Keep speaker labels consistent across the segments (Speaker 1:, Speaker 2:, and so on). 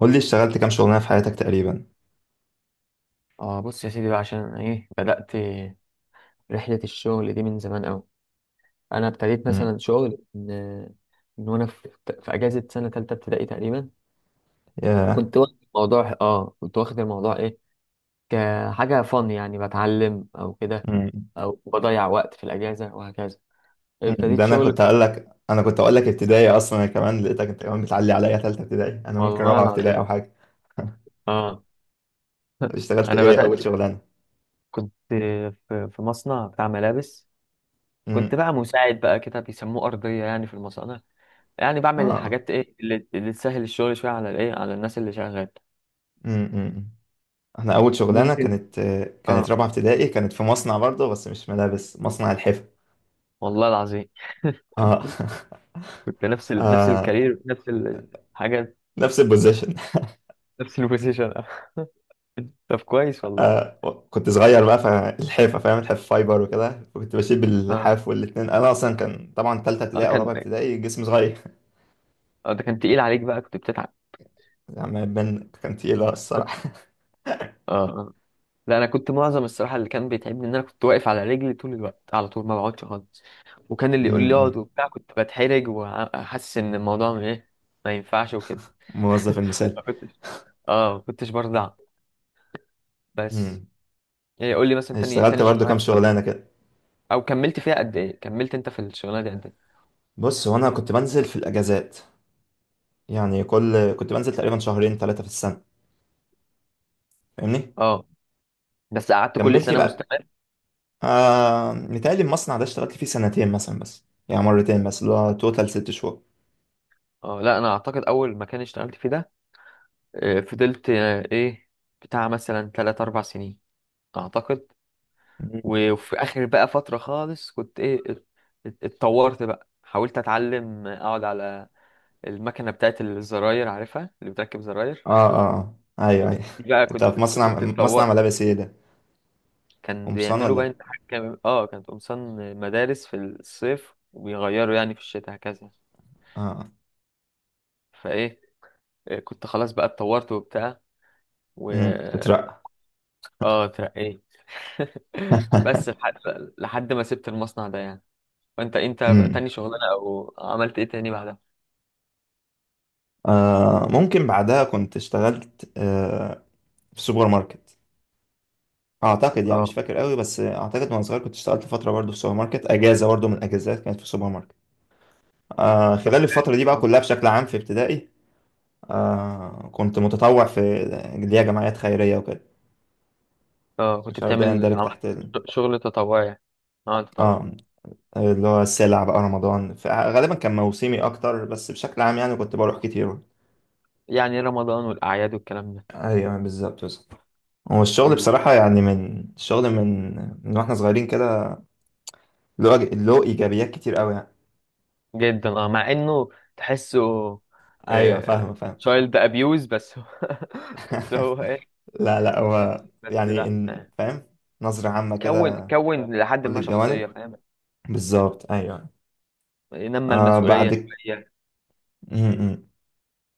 Speaker 1: قول لي اشتغلت كام شغلانه في حياتك تقريبا؟
Speaker 2: اه بص يا سيدي بقى، عشان أنا بدأت رحلة الشغل دي من زمان قوي. انا ابتديت
Speaker 1: امم.
Speaker 2: مثلا شغل من وانا في اجازة سنة تالتة ابتدائي تقريبا.
Speaker 1: يا.
Speaker 2: كنت واخد الموضوع كحاجة فن، يعني بتعلم او كده،
Speaker 1: امم.
Speaker 2: او بضيع وقت في الاجازة وهكذا.
Speaker 1: أمم.
Speaker 2: ابتديت
Speaker 1: ده انا
Speaker 2: شغل
Speaker 1: كنت هقول لك، ابتدائي اصلا، انا كمان لقيتك انت كمان بتعلي عليا ثالثه ابتدائي، انا ممكن
Speaker 2: والله
Speaker 1: رابعه ابتدائي او
Speaker 2: العظيم.
Speaker 1: حاجه.
Speaker 2: اه.
Speaker 1: اشتغلت
Speaker 2: انا
Speaker 1: ايه
Speaker 2: بدأت.
Speaker 1: اول شغلانه؟
Speaker 2: كنت في مصنع بتاع ملابس. كنت
Speaker 1: امم.
Speaker 2: بقى مساعد بقى كده، بيسموه أرضية يعني في المصانع. يعني بعمل
Speaker 1: اه.
Speaker 2: الحاجات اللي تسهل الشغل شويه، على الايه على الناس اللي شغال.
Speaker 1: امم. أمم. احنا اول شغلانه
Speaker 2: ممكن.
Speaker 1: كانت
Speaker 2: اه.
Speaker 1: رابعه ابتدائي، كانت في مصنع برضه بس مش ملابس، مصنع الحفا.
Speaker 2: والله العظيم.
Speaker 1: اه.
Speaker 2: كنت نفس الكارير، نفس الحاجه.
Speaker 1: نفس البوزيشن.
Speaker 2: نفس البوزيشن. طب كويس والله.
Speaker 1: آه كنت صغير بقى فالحافة، فاهم؟ الحاف فايبر وكده، كنت بشيل
Speaker 2: اه.
Speaker 1: باللحاف والاتنين. أنا أصلا كان طبعا تالتة
Speaker 2: اه.
Speaker 1: ابتدائي أو
Speaker 2: كان
Speaker 1: رابعة ابتدائي، جسمي صغير.
Speaker 2: اه ده كان تقيل عليك بقى، كنت بتتعب؟
Speaker 1: يعني ما يبان، كان تقيل الصراحة.
Speaker 2: اه. اه. لا، انا كنت معظم الصراحه اللي كان بيتعبني ان انا كنت واقف على رجلي طول الوقت، على طول ما بقعدش خالص. وكان اللي يقول لي اقعد
Speaker 1: أمم،
Speaker 2: وبتاع كنت بتحرج وحاسس ان الموضوع م- ايه ما ينفعش وكده.
Speaker 1: موظف المثال.
Speaker 2: ما كنتش اه ما كنتش برضع بس.
Speaker 1: أمم.
Speaker 2: يعني قول لي مثلا تاني
Speaker 1: اشتغلت
Speaker 2: تاني
Speaker 1: برضو
Speaker 2: شغلانه
Speaker 1: كام
Speaker 2: اشتغلتها،
Speaker 1: شغلانة كده؟
Speaker 2: او كملت فيها قد ايه كملت انت في الشغلانه دي قد ايه؟
Speaker 1: بص، هو أنا كنت بنزل في الأجازات، يعني كل... كنت بنزل تقريبا شهرين ثلاثة في السنة، فاهمني؟
Speaker 2: اه، بس قعدت كل
Speaker 1: كملت
Speaker 2: سنه
Speaker 1: بقى.
Speaker 2: مستمر.
Speaker 1: آه، متهيألي المصنع ده اشتغلت فيه سنتين مثلا، بس يعني مرتين بس، اللي هو توتال ست
Speaker 2: اه، لا انا اعتقد اول مكان اشتغلت فيه ده، فضلت، آه، ايه بتاع مثلا 3 4 سنين، اعتقد.
Speaker 1: شهور.
Speaker 2: وفي اخر بقى فتره خالص، كنت اتطورت بقى، حاولت اتعلم اقعد على المكنه بتاعت الزراير، عارفها اللي بتركب زراير.
Speaker 1: اه اه اه. ايوه ايوه.
Speaker 2: دي بقى
Speaker 1: انت
Speaker 2: كنت
Speaker 1: في مصنع
Speaker 2: كنت
Speaker 1: مصنع
Speaker 2: اتطورت.
Speaker 1: ملابس ايه ده؟
Speaker 2: كان
Speaker 1: قمصان
Speaker 2: بيعملوا
Speaker 1: ولا ايه؟
Speaker 2: بقى كانت قمصان مدارس في الصيف، وبيغيروا يعني في الشتاء هكذا.
Speaker 1: اه.
Speaker 2: فايه آه، كنت خلاص بقى اتطورت وبتاع. و
Speaker 1: امم، تترقى.
Speaker 2: اه اترقيت. بس لحد ما سبت المصنع ده يعني. وانت،
Speaker 1: امم.
Speaker 2: تاني شغلانه او عملت ايه تاني بعدها؟
Speaker 1: آه، ممكن بعدها كنت اشتغلت، آه، في سوبر ماركت. اعتقد يعني، مش
Speaker 2: اه،
Speaker 1: فاكر قوي بس اعتقد، وانا صغير كنت اشتغلت فتره برضو في سوبر ماركت، اجازه برضو من الاجازات كانت في سوبر ماركت. آه،
Speaker 2: طب
Speaker 1: خلال الفتره
Speaker 2: حلو.
Speaker 1: دي بقى
Speaker 2: اه.
Speaker 1: كلها بشكل عام في ابتدائي، آه، كنت متطوع في اللي هي جمعيات خيريه وكده.
Speaker 2: اه. كنت
Speaker 1: مش عارف ده
Speaker 2: بتعمل
Speaker 1: يندرج
Speaker 2: عملت
Speaker 1: تحت ال...
Speaker 2: شغل تطوعي يعني. اه، تطوعي.
Speaker 1: اه، اللي هو السلع بقى رمضان، فغالبا كان موسمي اكتر، بس بشكل عام يعني كنت بروح كتير.
Speaker 2: يعني رمضان والاعياد والكلام
Speaker 1: ايوه، بالظبط بالظبط. هو الشغل
Speaker 2: ده.
Speaker 1: بصراحه، يعني من الشغل من واحنا صغيرين كده، له ايجابيات كتير قوي يعني.
Speaker 2: جدا. اه مع انه تحسه
Speaker 1: ايوه، فاهم فاهم.
Speaker 2: تشايلد ابيوز. بس هو. بس هو ايه.
Speaker 1: لا لا،
Speaker 2: بس
Speaker 1: هو
Speaker 2: بس
Speaker 1: يعني
Speaker 2: لا.
Speaker 1: إن،
Speaker 2: آه.
Speaker 1: فاهم؟ نظره عامه
Speaker 2: كون
Speaker 1: كده،
Speaker 2: كون لحد
Speaker 1: كل
Speaker 2: ما شخصية،
Speaker 1: الجوانب.
Speaker 2: فاهم.
Speaker 1: بالظبط ايوه.
Speaker 2: نمى
Speaker 1: آه،
Speaker 2: المسؤولية
Speaker 1: بعد،
Speaker 2: شوية.
Speaker 1: م- م.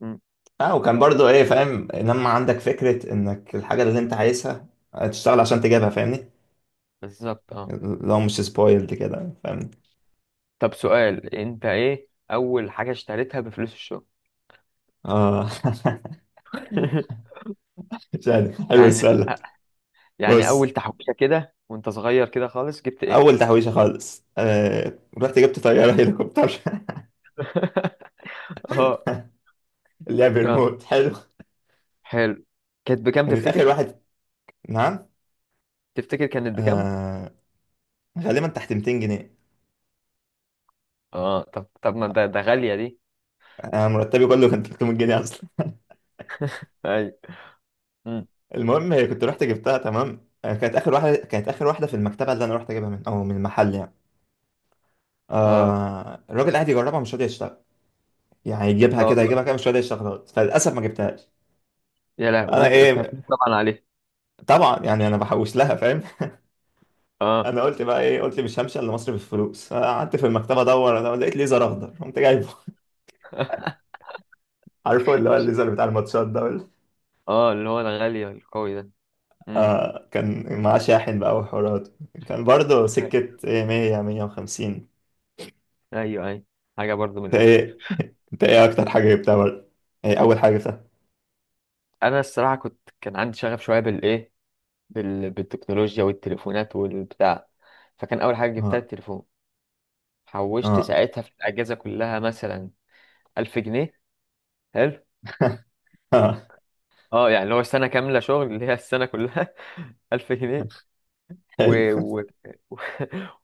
Speaker 2: مم.
Speaker 1: اه، وكان برضو ايه، فاهم؟ لما عندك فكره انك الحاجه اللي انت عايزها تشتغل عشان تجيبها، فاهمني؟
Speaker 2: بالظبط. اه
Speaker 1: لو مش سبويلد كده، فاهم؟
Speaker 2: طب سؤال: انت اول حاجة اشتريتها بفلوس الشغل؟
Speaker 1: اه. مش عارف، حلو
Speaker 2: يعني
Speaker 1: السؤال ده.
Speaker 2: يعني
Speaker 1: بص،
Speaker 2: اول تحويشة كده وانت صغير كده خالص، جبت ايه؟
Speaker 1: اول تحويشه خالص، آه، رحت جبت طياره هليكوبتر.
Speaker 2: اه.
Speaker 1: اللي هي
Speaker 2: اه.
Speaker 1: بريموت. حلو.
Speaker 2: حلو. كانت بكام
Speaker 1: كانت اخر
Speaker 2: تفتكر؟
Speaker 1: واحد. نعم؟
Speaker 2: تفتكر كانت بكام؟
Speaker 1: آه، غالبا تحت 200 جنيه.
Speaker 2: اه طب، ما ده غالية دي.
Speaker 1: آه، مرتبي كله كان 300 جنيه اصلا.
Speaker 2: ايوه. مم.
Speaker 1: المهم، هي كنت رحت جبتها، تمام. آه، كانت اخر واحده، كانت اخر واحده في المكتبه اللي انا رحت اجيبها من، او من المحل يعني.
Speaker 2: اه.
Speaker 1: آه، الراجل قاعد يجربها مش راضي يشتغل، يعني يجيبها
Speaker 2: لا
Speaker 1: كده،
Speaker 2: والله.
Speaker 1: يجيبها كده، مش راضي يشتغل خالص. فللاسف ما جبتهاش.
Speaker 2: يا لهوي،
Speaker 1: انا
Speaker 2: وانت كنت
Speaker 1: ايه!
Speaker 2: هتموت طبعا عليه.
Speaker 1: طبعا يعني انا بحوش لها، فاهم؟
Speaker 2: اه.
Speaker 1: انا قلت بقى ايه؟ قلت مش همشي الا مصر بالفلوس. قعدت في المكتبه ادور، انا لقيت ليزر اخضر، قمت جايبه. عارفه اللي هو الليزر بتاع الماتشات ده ولا-؟
Speaker 2: اه. اللي هو الغالي القوي ده. امم.
Speaker 1: آه، كان معاه شاحن بقى وحوارات، كان برضه سكه إيه، 100 150.
Speaker 2: ايوه، ايوه، حاجه برضو من
Speaker 1: انت
Speaker 2: الاخر.
Speaker 1: ايه؟ انت ايه اكتر حاجه جبتها برضه؟ ايه اول حاجه جبتها؟
Speaker 2: انا الصراحه كان عندي شغف شويه بالتكنولوجيا والتليفونات والبتاع. فكان اول حاجه جبتها
Speaker 1: اه.
Speaker 2: التليفون. حوشت
Speaker 1: اه.
Speaker 2: ساعتها في الاجازه كلها مثلا 1000 جنيه. حلو.
Speaker 1: اه،
Speaker 2: اه، يعني اللي هو سنه كامله شغل، اللي هي السنه كلها. 1000 جنيه.
Speaker 1: حلو.
Speaker 2: و... و... و...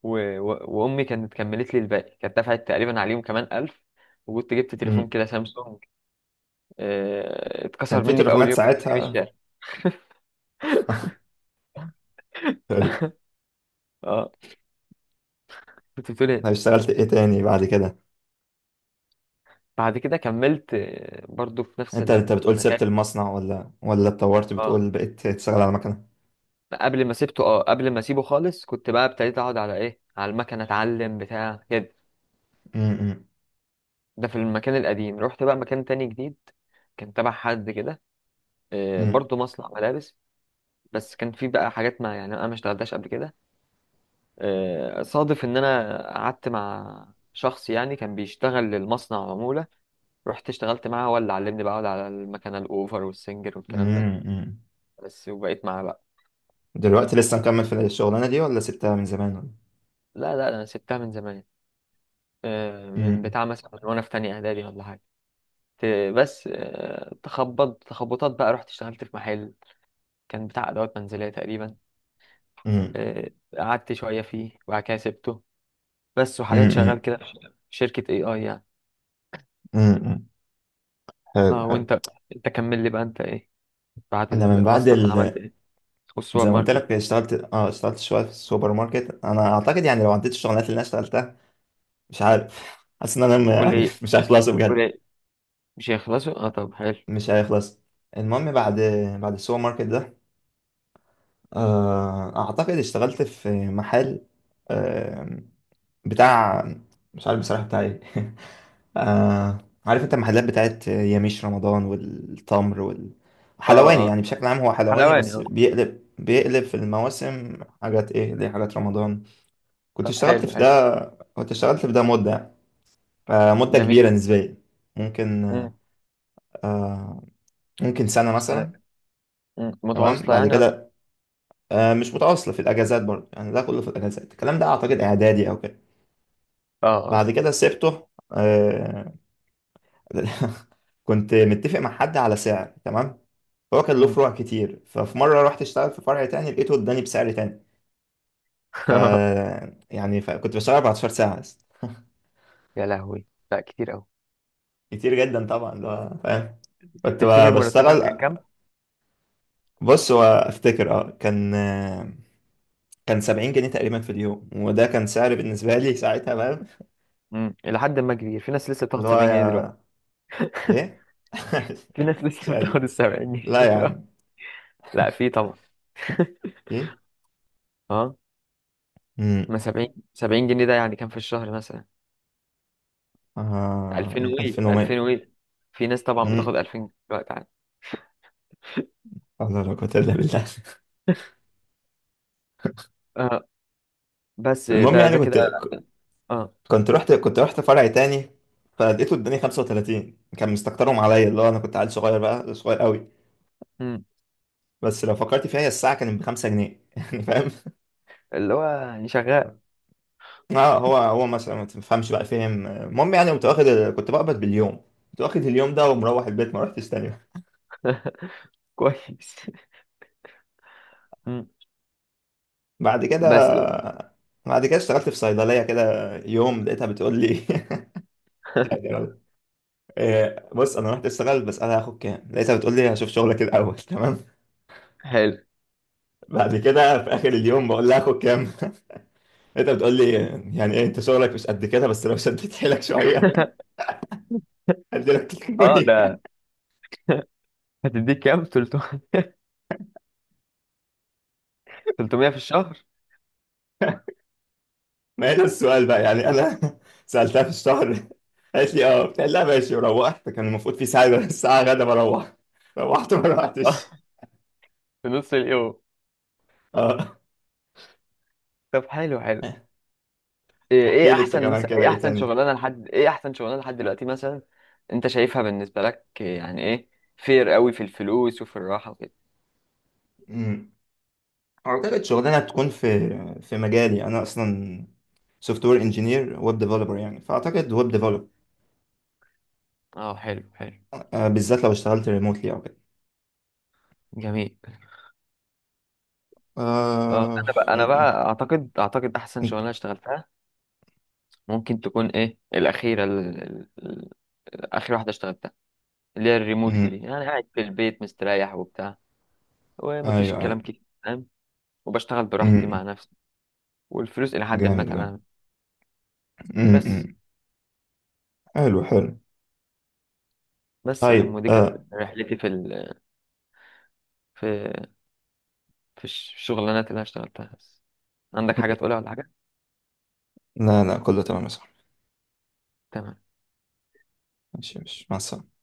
Speaker 2: وامي كانت كملت لي الباقي، كانت دفعت تقريبا عليهم كمان 1000. وكنت جبت تليفون
Speaker 1: أمم.
Speaker 2: كده، سامسونج.
Speaker 1: كان
Speaker 2: اتكسر
Speaker 1: في
Speaker 2: مني في اول
Speaker 1: تليفونات
Speaker 2: يوم كنت في
Speaker 1: ساعتها.
Speaker 2: الشارع.
Speaker 1: حلو.
Speaker 2: اه. كنت بتقول
Speaker 1: طب
Speaker 2: ايه؟
Speaker 1: اشتغلت ايه تاني بعد كده؟
Speaker 2: بعد كده كملت، برضو في نفس
Speaker 1: انت انت بتقول
Speaker 2: المكان.
Speaker 1: سبت المصنع ولا اتطورت
Speaker 2: اه،
Speaker 1: بتقول بقيت تشتغل على مكنه؟
Speaker 2: قبل ما اسيبه خالص، كنت بقى ابتديت اقعد على ايه على المكنه، اتعلم بتاع كده.
Speaker 1: امم.
Speaker 2: ده في المكان القديم. رحت بقى مكان تاني جديد، كان تبع حد كده،
Speaker 1: امم.
Speaker 2: برضو مصنع ملابس. بس كان في بقى حاجات ما يعني انا ما اشتغلتهاش قبل كده. صادف ان انا قعدت مع شخص يعني كان بيشتغل للمصنع عمولة. رحت اشتغلت معاه، هو اللي علمني بقى أقعد على المكنة الاوفر والسنجر والكلام ده.
Speaker 1: امم.
Speaker 2: بس، وبقيت معاه بقى.
Speaker 1: دلوقتي لسه مكمل في الشغلانه دي ولا سبتها من زمان، ولا؟
Speaker 2: لا، لا، انا سبتها من زمان. من
Speaker 1: امم.
Speaker 2: بتاع مثلا من وانا في تانية اعدادي ولا حاجة. بس، تخبطات بقى، رحت اشتغلت في محل كان بتاع ادوات منزلية تقريبا.
Speaker 1: امم.
Speaker 2: آه، قعدت شوية فيه وبعد كده سبته. بس، وحاليا شغال
Speaker 1: امم.
Speaker 2: كده في شركة AI يعني.
Speaker 1: امم. حلو
Speaker 2: اه.
Speaker 1: حلو.
Speaker 2: وانت، كمل لي بقى. انت بعد
Speaker 1: انا من بعد
Speaker 2: المصنع ده
Speaker 1: ال...
Speaker 2: عملت؟ والسوبر
Speaker 1: زي ما قلت
Speaker 2: ماركت؟
Speaker 1: لك اشتغلت، اشتغلت شويه في السوبر ماركت. انا اعتقد يعني، لو عديت الشغلانات اللي انا اشتغلتها، مش عارف، حاسس ان انا
Speaker 2: قول
Speaker 1: يعني
Speaker 2: ايه
Speaker 1: مش هيخلصوا
Speaker 2: قول
Speaker 1: بجد.
Speaker 2: ايه؟ مش هيخلصوا. اه، طب حلو.
Speaker 1: مش هيخلص. المهم بعد، بعد السوبر ماركت ده، آه، اعتقد اشتغلت في محل بتاع، مش عارف بصراحة بتاع ايه. آه... عارف انت المحلات بتاعت ياميش رمضان والتمر وال...
Speaker 2: اه.
Speaker 1: حلواني
Speaker 2: اه.
Speaker 1: يعني، بشكل عام هو حلواني،
Speaker 2: حلواني.
Speaker 1: بس
Speaker 2: اه.
Speaker 1: بيقلب في المواسم حاجات، ايه ليه، حاجات رمضان. كنت
Speaker 2: طب،
Speaker 1: اشتغلت
Speaker 2: حلو
Speaker 1: في
Speaker 2: حلو.
Speaker 1: ده. مدة، آه، مدة
Speaker 2: جميل.
Speaker 1: كبيرة نسبيا. ممكن،
Speaker 2: امم.
Speaker 1: آه، ممكن سنة
Speaker 2: سلام.
Speaker 1: مثلا.
Speaker 2: مم.
Speaker 1: تمام.
Speaker 2: متواصلة
Speaker 1: بعد
Speaker 2: يعني. اه.
Speaker 1: كده، آه، مش متواصلة في الأجازات برضه يعني، ده كله في الأجازات الكلام ده، أعتقد إعدادي أو كده.
Speaker 2: اه.
Speaker 1: بعد كده سبته. آه. كنت متفق مع حد على سعر، تمام. هو كان له
Speaker 2: مم.
Speaker 1: فروع كتير، ففي مرة رحت اشتغل في فرع تاني، لقيته اداني بسعر تاني. ف يعني، كنت بشتغل 14 ساعة بس.
Speaker 2: يا لهوي، لا كتير قوي.
Speaker 1: كتير جدا طبعا ده، فاهم؟ كنت
Speaker 2: تفتكر مرتبك
Speaker 1: بشتغل.
Speaker 2: كان كام؟
Speaker 1: بص، وافتكر اه، كان، كان 70 جنيه تقريبا في اليوم، وده كان سعر بالنسبة لي ساعتها، فاهم؟
Speaker 2: امم، إلى حد ما كبير. في ناس لسه
Speaker 1: اللي
Speaker 2: بتاخد
Speaker 1: هو
Speaker 2: 70 جنيه دلوقتي.
Speaker 1: يا، ايه.
Speaker 2: في ناس
Speaker 1: مش
Speaker 2: لسه
Speaker 1: قادر،
Speaker 2: بتاخد ال 70 جنيه
Speaker 1: لا يا
Speaker 2: دلوقتي.
Speaker 1: عم.
Speaker 2: لا، في طبعا.
Speaker 1: ايه.
Speaker 2: اه.
Speaker 1: امم.
Speaker 2: ما 70 70 جنيه ده يعني كام في الشهر مثلا؟ 2000
Speaker 1: آه...
Speaker 2: وي، 2000
Speaker 1: 2100.
Speaker 2: وي. في ناس طبعا بتاخد
Speaker 1: امم.
Speaker 2: 2000 دلوقتي عادي.
Speaker 1: لا لا، قوة إلا بالله.
Speaker 2: آه. بس
Speaker 1: المهم
Speaker 2: ده
Speaker 1: يعني كنت،
Speaker 2: كده، اه
Speaker 1: كنت رحت فرع تاني، فلقيته اداني 35. كان مستكترهم عليا، اللي هو انا كنت عيل صغير بقى، صغير قوي. بس لو فكرت فيها، هي الساعه كانت ب 5 جنيه يعني فاهم؟
Speaker 2: اللي هو يعني شغال
Speaker 1: اه، هو مثلا ما تفهمش بقى فهم. المهم يعني، كنت واخد، كنت بقبض باليوم. كنت واخد اليوم ده ومروح البيت، ما رحتش تاني.
Speaker 2: كويس. مم.
Speaker 1: بعد كده،
Speaker 2: بس.
Speaker 1: اشتغلت في صيدليه كده. يوم لقيتها بتقول لي إيه، بص انا رحت اشتغل بس انا هاخد كام؟ لقيتها بتقول لي هشوف شغلك الاول. تمام.
Speaker 2: حلو.
Speaker 1: بعد كده في اخر اليوم بقول لها هاخد كام؟ انت بتقول لي يعني ايه؟ انت شغلك مش قد كده، بس لو شديت حيلك شويه هديلك
Speaker 2: اه،
Speaker 1: 300.
Speaker 2: ده. هتديك كام، 300 في الشهر؟
Speaker 1: ما هي ده السؤال بقى، يعني انا سالتها في الشهر. قالت لي اه. قلت لها ماشي وروحت. كان المفروض في ساعه، ساعه غدا بروح. روحت ما
Speaker 2: اه.
Speaker 1: روحتش.
Speaker 2: في نص اليوم.
Speaker 1: اه.
Speaker 2: طب، حلو حلو. ايه
Speaker 1: احكي
Speaker 2: إيه
Speaker 1: لي انت
Speaker 2: احسن
Speaker 1: كمان
Speaker 2: مثلا،
Speaker 1: كده ايه
Speaker 2: احسن
Speaker 1: تاني.
Speaker 2: شغلانه لحد، احسن شغلانه لحد دلوقتي مثلا. انت شايفها بالنسبه لك يعني ايه، فير قوي في الفلوس وفي الراحه وكده.
Speaker 1: امم. اعتقد شغلانه تكون في مجالي انا اصلا، سوفت وير انجينير، ويب ديفلوبر يعني، فاعتقد ويب ديفلوبر،
Speaker 2: اه، حلو حلو.
Speaker 1: بالذات لو اشتغلت ريموتلي او كده.
Speaker 2: جميل. اه،
Speaker 1: آه...
Speaker 2: انا بقى انا
Speaker 1: انت-
Speaker 2: بقى اعتقد احسن
Speaker 1: انت-
Speaker 2: شغلانه اشتغلتها ممكن تكون الاخيره، اخر واحده اشتغلتها، اللي هي الريموتلي
Speaker 1: امم.
Speaker 2: دي. انا قاعد في البيت مستريح وبتاع، ومفيش
Speaker 1: ايوه أيوه.
Speaker 2: الكلام كتير، فاهم. وبشتغل براحتي مع
Speaker 1: أمم.
Speaker 2: نفسي، والفلوس الى حد ما
Speaker 1: جامد جامد.
Speaker 2: تمام. بس
Speaker 1: أمم. حلو حلو.
Speaker 2: بس يا عم،
Speaker 1: طيب
Speaker 2: ودي كانت
Speaker 1: آه.
Speaker 2: رحلتي في ال... في في الشغلانات اللي انا اشتغلتها بس. عندك حاجه تقولها ولا حاجه؟
Speaker 1: لا لا، كله تمام يا صاحبي.
Speaker 2: تمام.
Speaker 1: ماشي ماشي، مع السلامة.